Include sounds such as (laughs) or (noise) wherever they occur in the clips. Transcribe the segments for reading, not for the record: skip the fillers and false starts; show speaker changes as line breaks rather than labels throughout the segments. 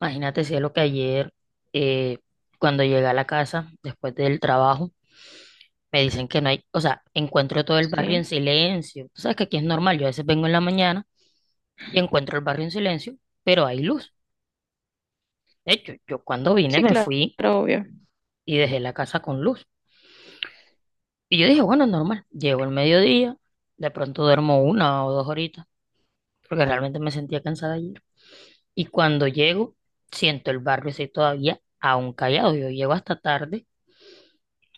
Imagínate, cielo, que ayer, eh, cuando llegué a la casa, después del trabajo, me dicen que no hay, o sea, encuentro todo el
Sí,
barrio en silencio. Tú sabes que aquí es normal, yo a veces vengo en la mañana y encuentro el barrio en silencio, pero hay luz. De hecho, yo cuando vine
sí,
me
claro,
fui
obvio.
y dejé la casa con luz. Y yo dije, bueno, normal, llego el mediodía, de pronto duermo una o dos horitas, porque realmente me sentía cansada ayer. Y cuando llego, siento el barrio así todavía aún callado. Yo llego hasta tarde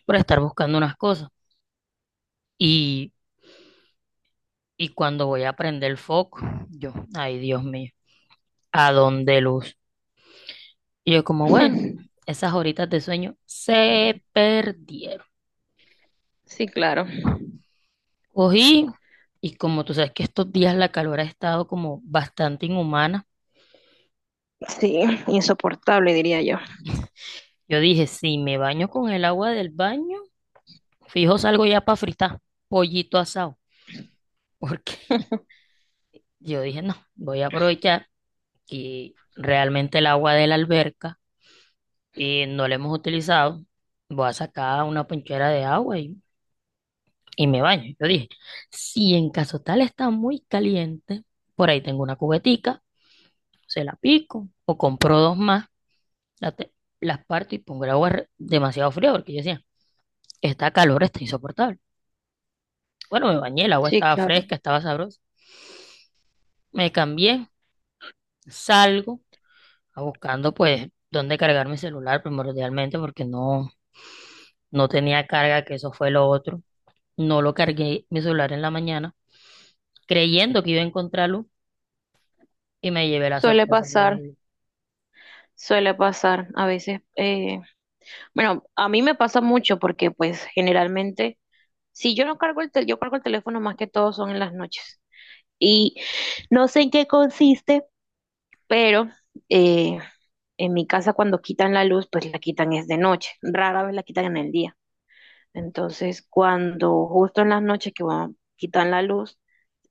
por estar buscando unas cosas. Y Y cuando voy a prender el foco, yo, ay Dios mío, ¿a dónde luz? Y yo como, bueno,
(laughs)
esas horitas de sueño se perdieron.
Sí, claro.
Cogí y como tú sabes que estos días la calor ha estado como bastante inhumana,
Sí, insoportable, diría yo.
yo dije, si me baño con el agua del baño, fijo salgo ya para fritar pollito asado, porque
(laughs)
(laughs) yo dije, no, voy a aprovechar que realmente el agua de la alberca no la hemos utilizado, voy a sacar una ponchera de agua y me baño. Yo dije, si en caso tal está muy caliente, por ahí tengo una cubetica, se la pico o compro dos más, la te- las parto y pongo el agua demasiado fría porque yo decía, está calor está insoportable. Bueno, me bañé, el agua
Sí,
estaba
claro.
fresca, estaba sabrosa. Me cambié, salgo a buscando pues dónde cargar mi celular primordialmente porque no tenía carga, que eso fue lo otro. No lo cargué mi celular en la mañana creyendo que iba a encontrarlo y me llevé la
Suele
sorpresa al
pasar,
mediodía.
suele pasar. A veces, bueno, a mí me pasa mucho porque pues generalmente, si yo no cargo el teléfono, yo cargo el teléfono más que todo son en las noches. Y no sé en qué consiste, pero eh, en mi casa cuando quitan la luz, pues la quitan es de noche. Rara vez la quitan en el día. Entonces, cuando justo en las noches que quitan la luz,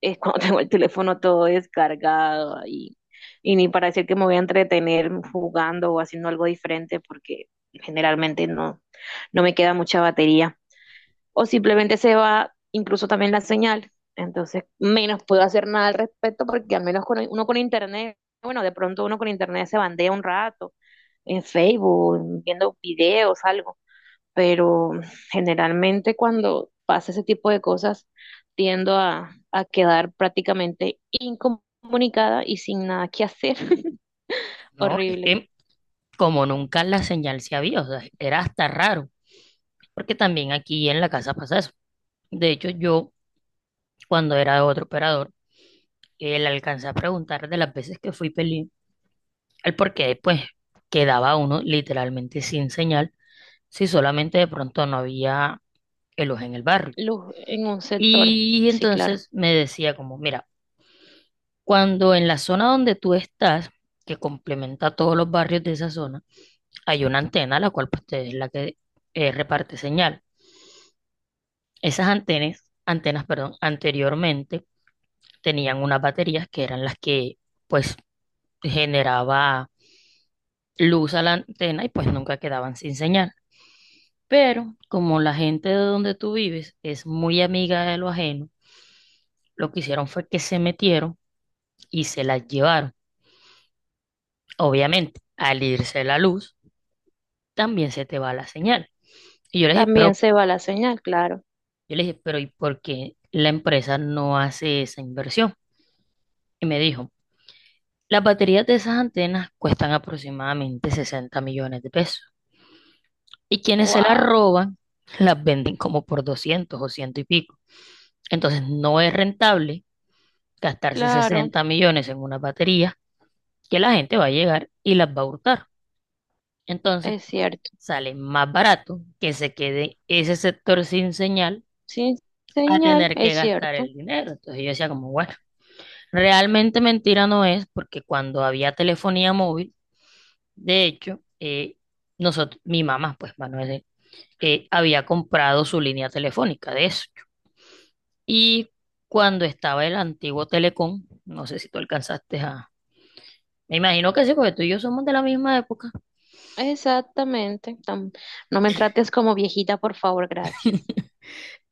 es cuando (laughs) tengo el teléfono todo descargado ahí. Y ni para decir que me voy a entretener jugando o haciendo algo diferente, porque generalmente no, no me queda mucha batería. O simplemente se va incluso también la señal. Entonces, menos puedo hacer nada al respecto, porque al menos con uno con internet, bueno, de pronto uno con internet se bandea un rato en Facebook, viendo videos, algo, pero generalmente cuando pasa ese tipo de cosas tiendo a quedar prácticamente incomunicada y sin nada que hacer. (laughs)
No, es
Horrible.
que como nunca la señal se había, o sea, era hasta raro, porque también aquí en la casa pasa eso. De hecho, yo cuando era otro operador, le alcancé a preguntar de las veces que fui peli, el por qué pues quedaba uno literalmente sin señal, si solamente de pronto no había ellos en el barrio.
Luz en un sector,
Y
sí, claro.
entonces me decía como, mira, cuando en la zona donde tú estás, que complementa todos los barrios de esa zona, hay una antena, la cual pues, es la que reparte señal. Esas antenas, perdón, anteriormente tenían unas baterías que eran las que pues generaba luz a la antena y pues nunca quedaban sin señal. Pero como la gente de donde tú vives es muy amiga de lo ajeno, lo que hicieron fue que se metieron y se las llevaron. Obviamente, al irse la luz, también se te va la señal. Y yo le dije,
También
pero,
se va la señal, claro.
yo le dije, pero ¿y por qué la empresa no hace esa inversión? Y me dijo, las baterías de esas antenas cuestan aproximadamente 60 millones de pesos. Y quienes se las
Wow,
roban, las venden como por 200 o ciento y pico. Entonces no es rentable gastarse
claro,
60 millones en una batería que la gente va a llegar y las va a hurtar. Entonces
es cierto.
sale más barato que se quede ese sector sin señal
Sin
a
señal,
tener que
es
gastar
cierto.
el dinero. Entonces yo decía como, bueno, realmente mentira no es porque cuando había telefonía móvil, de hecho, nosotros, mi mamá, pues Manuel, había comprado su línea telefónica, de eso. Y cuando estaba el antiguo Telecom, no sé si tú alcanzaste a... Me imagino que sí, porque tú y yo somos de la misma época.
Exactamente. No me trates como viejita, por favor, gracias.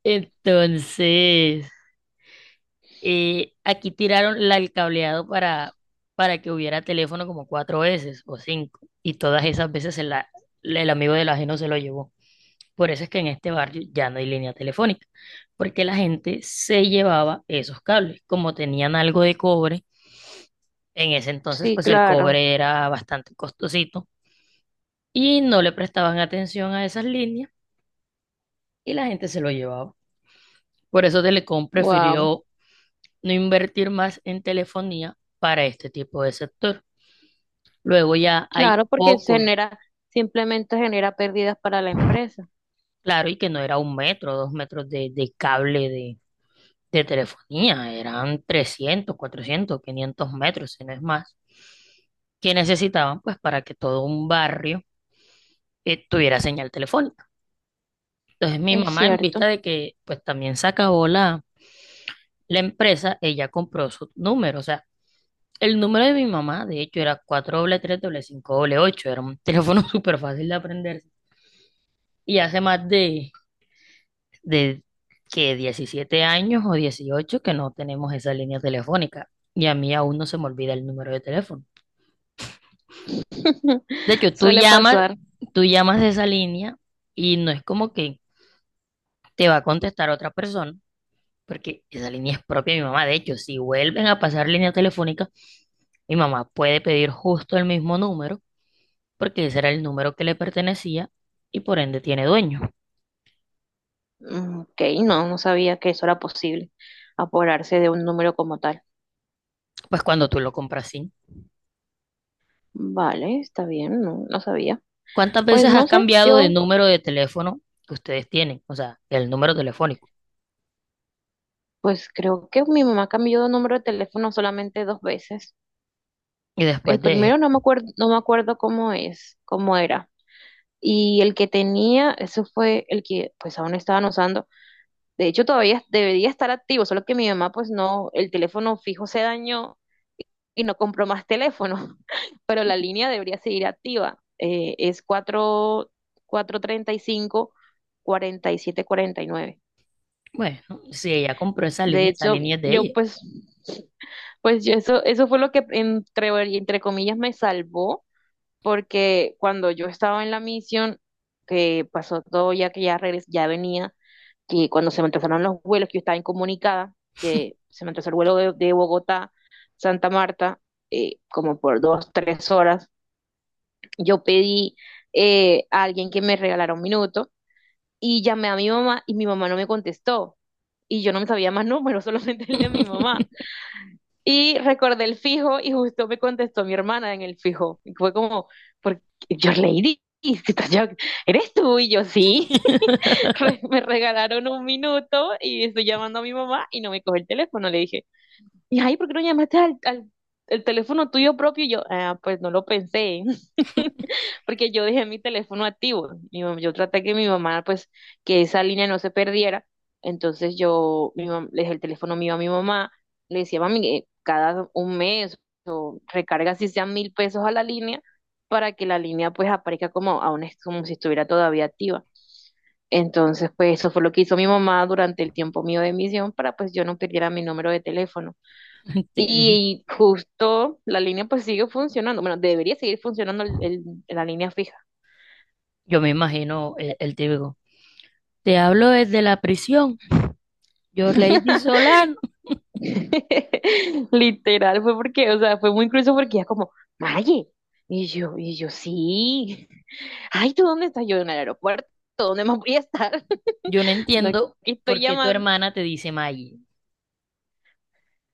Entonces, aquí tiraron la, el cableado para que hubiera teléfono como cuatro veces o cinco. Y todas esas veces el amigo del ajeno se lo llevó. Por eso es que en este barrio ya no hay línea telefónica, porque la gente se llevaba esos cables. Como tenían algo de cobre, en ese entonces
Sí,
pues el
claro.
cobre era bastante costosito y no le prestaban atención a esas líneas y la gente se lo llevaba. Por eso Telecom
Wow,
prefirió no invertir más en telefonía para este tipo de sector. Luego ya hay
claro, porque se
pocos,
genera, simplemente genera pérdidas para la empresa.
claro, y que no era un metro, dos metros de cable de telefonía, eran 300, 400, 500 metros, si no es más, que necesitaban pues para que todo un barrio tuviera señal telefónica. Entonces mi
Es
mamá, en vista
cierto.
de que pues también se acabó la empresa, ella compró su número, o sea, el número de mi mamá, de hecho, era 433-588, era un teléfono (laughs) súper fácil de aprenderse. Y hace más de que 17 años o 18 que no tenemos esa línea telefónica. Y a mí aún no se me olvida el número de teléfono.
(laughs)
De hecho,
Suele pasar.
tú llamas de esa línea y no es como que te va a contestar otra persona, porque esa línea es propia de mi mamá. De hecho, si vuelven a pasar línea telefónica, mi mamá puede pedir justo el mismo número, porque ese era el número que le pertenecía y por ende tiene dueño.
Mm, Ok, no, no sabía que eso era posible, apoderarse de un número como tal.
Pues cuando tú lo compras sin.
Vale, está bien, no, no sabía.
¿Cuántas
Pues
veces has
no sé,
cambiado de número de teléfono que ustedes tienen? O sea, el número telefónico.
pues creo que mi mamá cambió de número de teléfono solamente dos veces.
Y después
El
de
primero no me
esto,
acuerdo, no me acuerdo cómo es, cómo era. Y el que tenía, eso fue el que pues aún estaban usando. De hecho, todavía debería estar activo, solo que mi mamá, pues no, el teléfono fijo se dañó y no compró más teléfono, (laughs) pero la línea debería seguir activa. Es cuatro, cuatro treinta y cinco, cuarenta y siete cuarenta y nueve.
bueno, si ella compró
De
esa
hecho,
línea es de
yo
ella.
pues, pues yo eso fue lo que entre comillas me salvó, porque cuando yo estaba en la misión, que pasó todo ya que ya venía, que cuando se me atrasaron los vuelos, que yo estaba incomunicada, que se me atrasó el vuelo de Bogotá, Santa Marta, como por dos, tres horas, yo pedí a alguien que me regalara un minuto y llamé a mi mamá y mi mamá no me contestó. Y yo no me sabía más (laughs) números, solamente el de mi mamá. Y recordé el fijo y justo me contestó mi hermana en el fijo. Y fue como, porque yo Lady, si (laughs) estás eres tú y yo sí. (laughs)
(laughs)
Me regalaron un minuto y estoy llamando a mi mamá y no me coge el teléfono. Le dije, y ay, ¿por qué no llamaste al, el teléfono tuyo propio? Y yo, ah, pues no lo pensé, (laughs) porque yo dejé mi teléfono activo. Yo traté que mi mamá, pues, que esa línea no se perdiera. Entonces le dejé el teléfono mío a mi mamá, le decía, mami, cada un mes o recarga si sean 1.000 pesos a la línea para que la línea pues aparezca como, aún es como si estuviera todavía activa. Entonces, pues eso fue lo que hizo mi mamá durante el tiempo mío de misión para pues yo no perdiera mi número de teléfono.
Entiendo.
Y justo la línea pues sigue funcionando. Bueno, debería seguir funcionando la línea fija.
Yo me imagino el, típico. Te hablo desde la prisión. Yo, Lady Solano.
(laughs) Literal fue porque, o sea, fue muy incluso porque ya como, Maye. Y yo, sí. (laughs) Ay, ¿tú dónde estás? Yo en el aeropuerto. ¿Dónde más voy a estar?
Yo no
(laughs) Sino que
entiendo
estoy
por qué tu
llamando.
hermana te dice Maggie.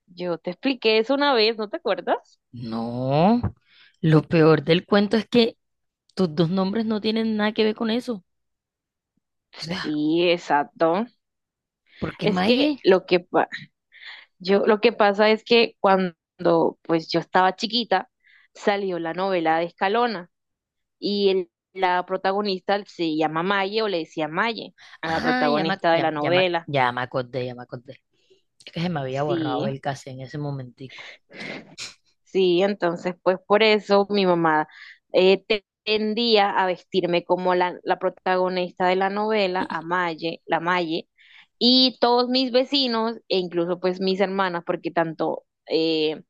Yo te expliqué eso una vez, ¿no te acuerdas?
No. Lo peor del cuento es que tus dos nombres no tienen nada que ver con eso. O sea,
Sí, exacto.
¿por qué
Es que
Maggie?
lo que, pa- Yo lo que pasa es que cuando pues yo estaba chiquita salió la novela de Escalona y la protagonista se llama Maye o le decía Maye a la
Ah,
protagonista de la novela.
ya me acordé, ya me acordé. Es que se me había borrado
Sí,
el cassette en ese momentico.
sí, entonces pues por eso mi mamá tendía a vestirme como la protagonista de la novela, a Maye, la Maye, y todos mis vecinos e incluso pues mis hermanas, porque tanto... eh,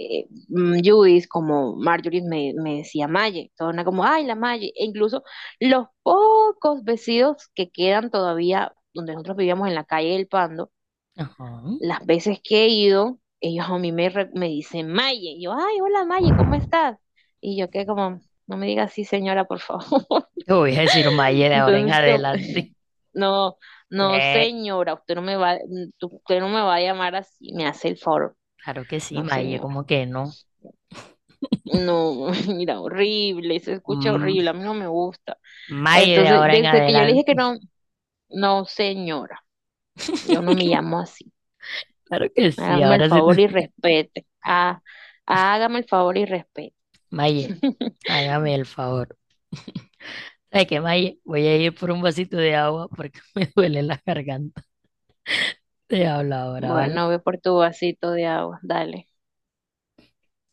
eh, mm, Judith, como Marjorie me decía Maye, toda una como, ay, la Maye, e incluso los pocos vestidos que quedan todavía donde nosotros vivíamos en la calle del Pando,
Ajá.
las veces que he ido, ellos a mí me dicen Maye, y yo, ay, hola Maye, ¿cómo estás? Y yo que como, no me diga así señora, por favor, (laughs)
Te voy a decir Maggie de ahora en
entonces como,
adelante.
no,
Sí,
no señora, usted no me va a llamar así, me hace el favor,
claro que sí,
no
Maye,
señora.
como que no.
No, (laughs) mira, horrible, se escucha
Mm,
horrible, a mí no me gusta.
Maye de
Entonces,
ahora en
desde que yo le
adelante.
dije que no, no, señora, yo no me llamo así.
Claro que sí,
Hágame el
ahora sí. (laughs)
favor y respete. Ah, hágame el favor y respete.
Maye,
(laughs)
hágame el favor. ¿Sabes qué, Maye? Voy a ir por un vasito de agua porque (laughs) me duele la garganta. Te hablo ahora,
Bueno,
¿vale?
ve por tu vasito de agua, dale.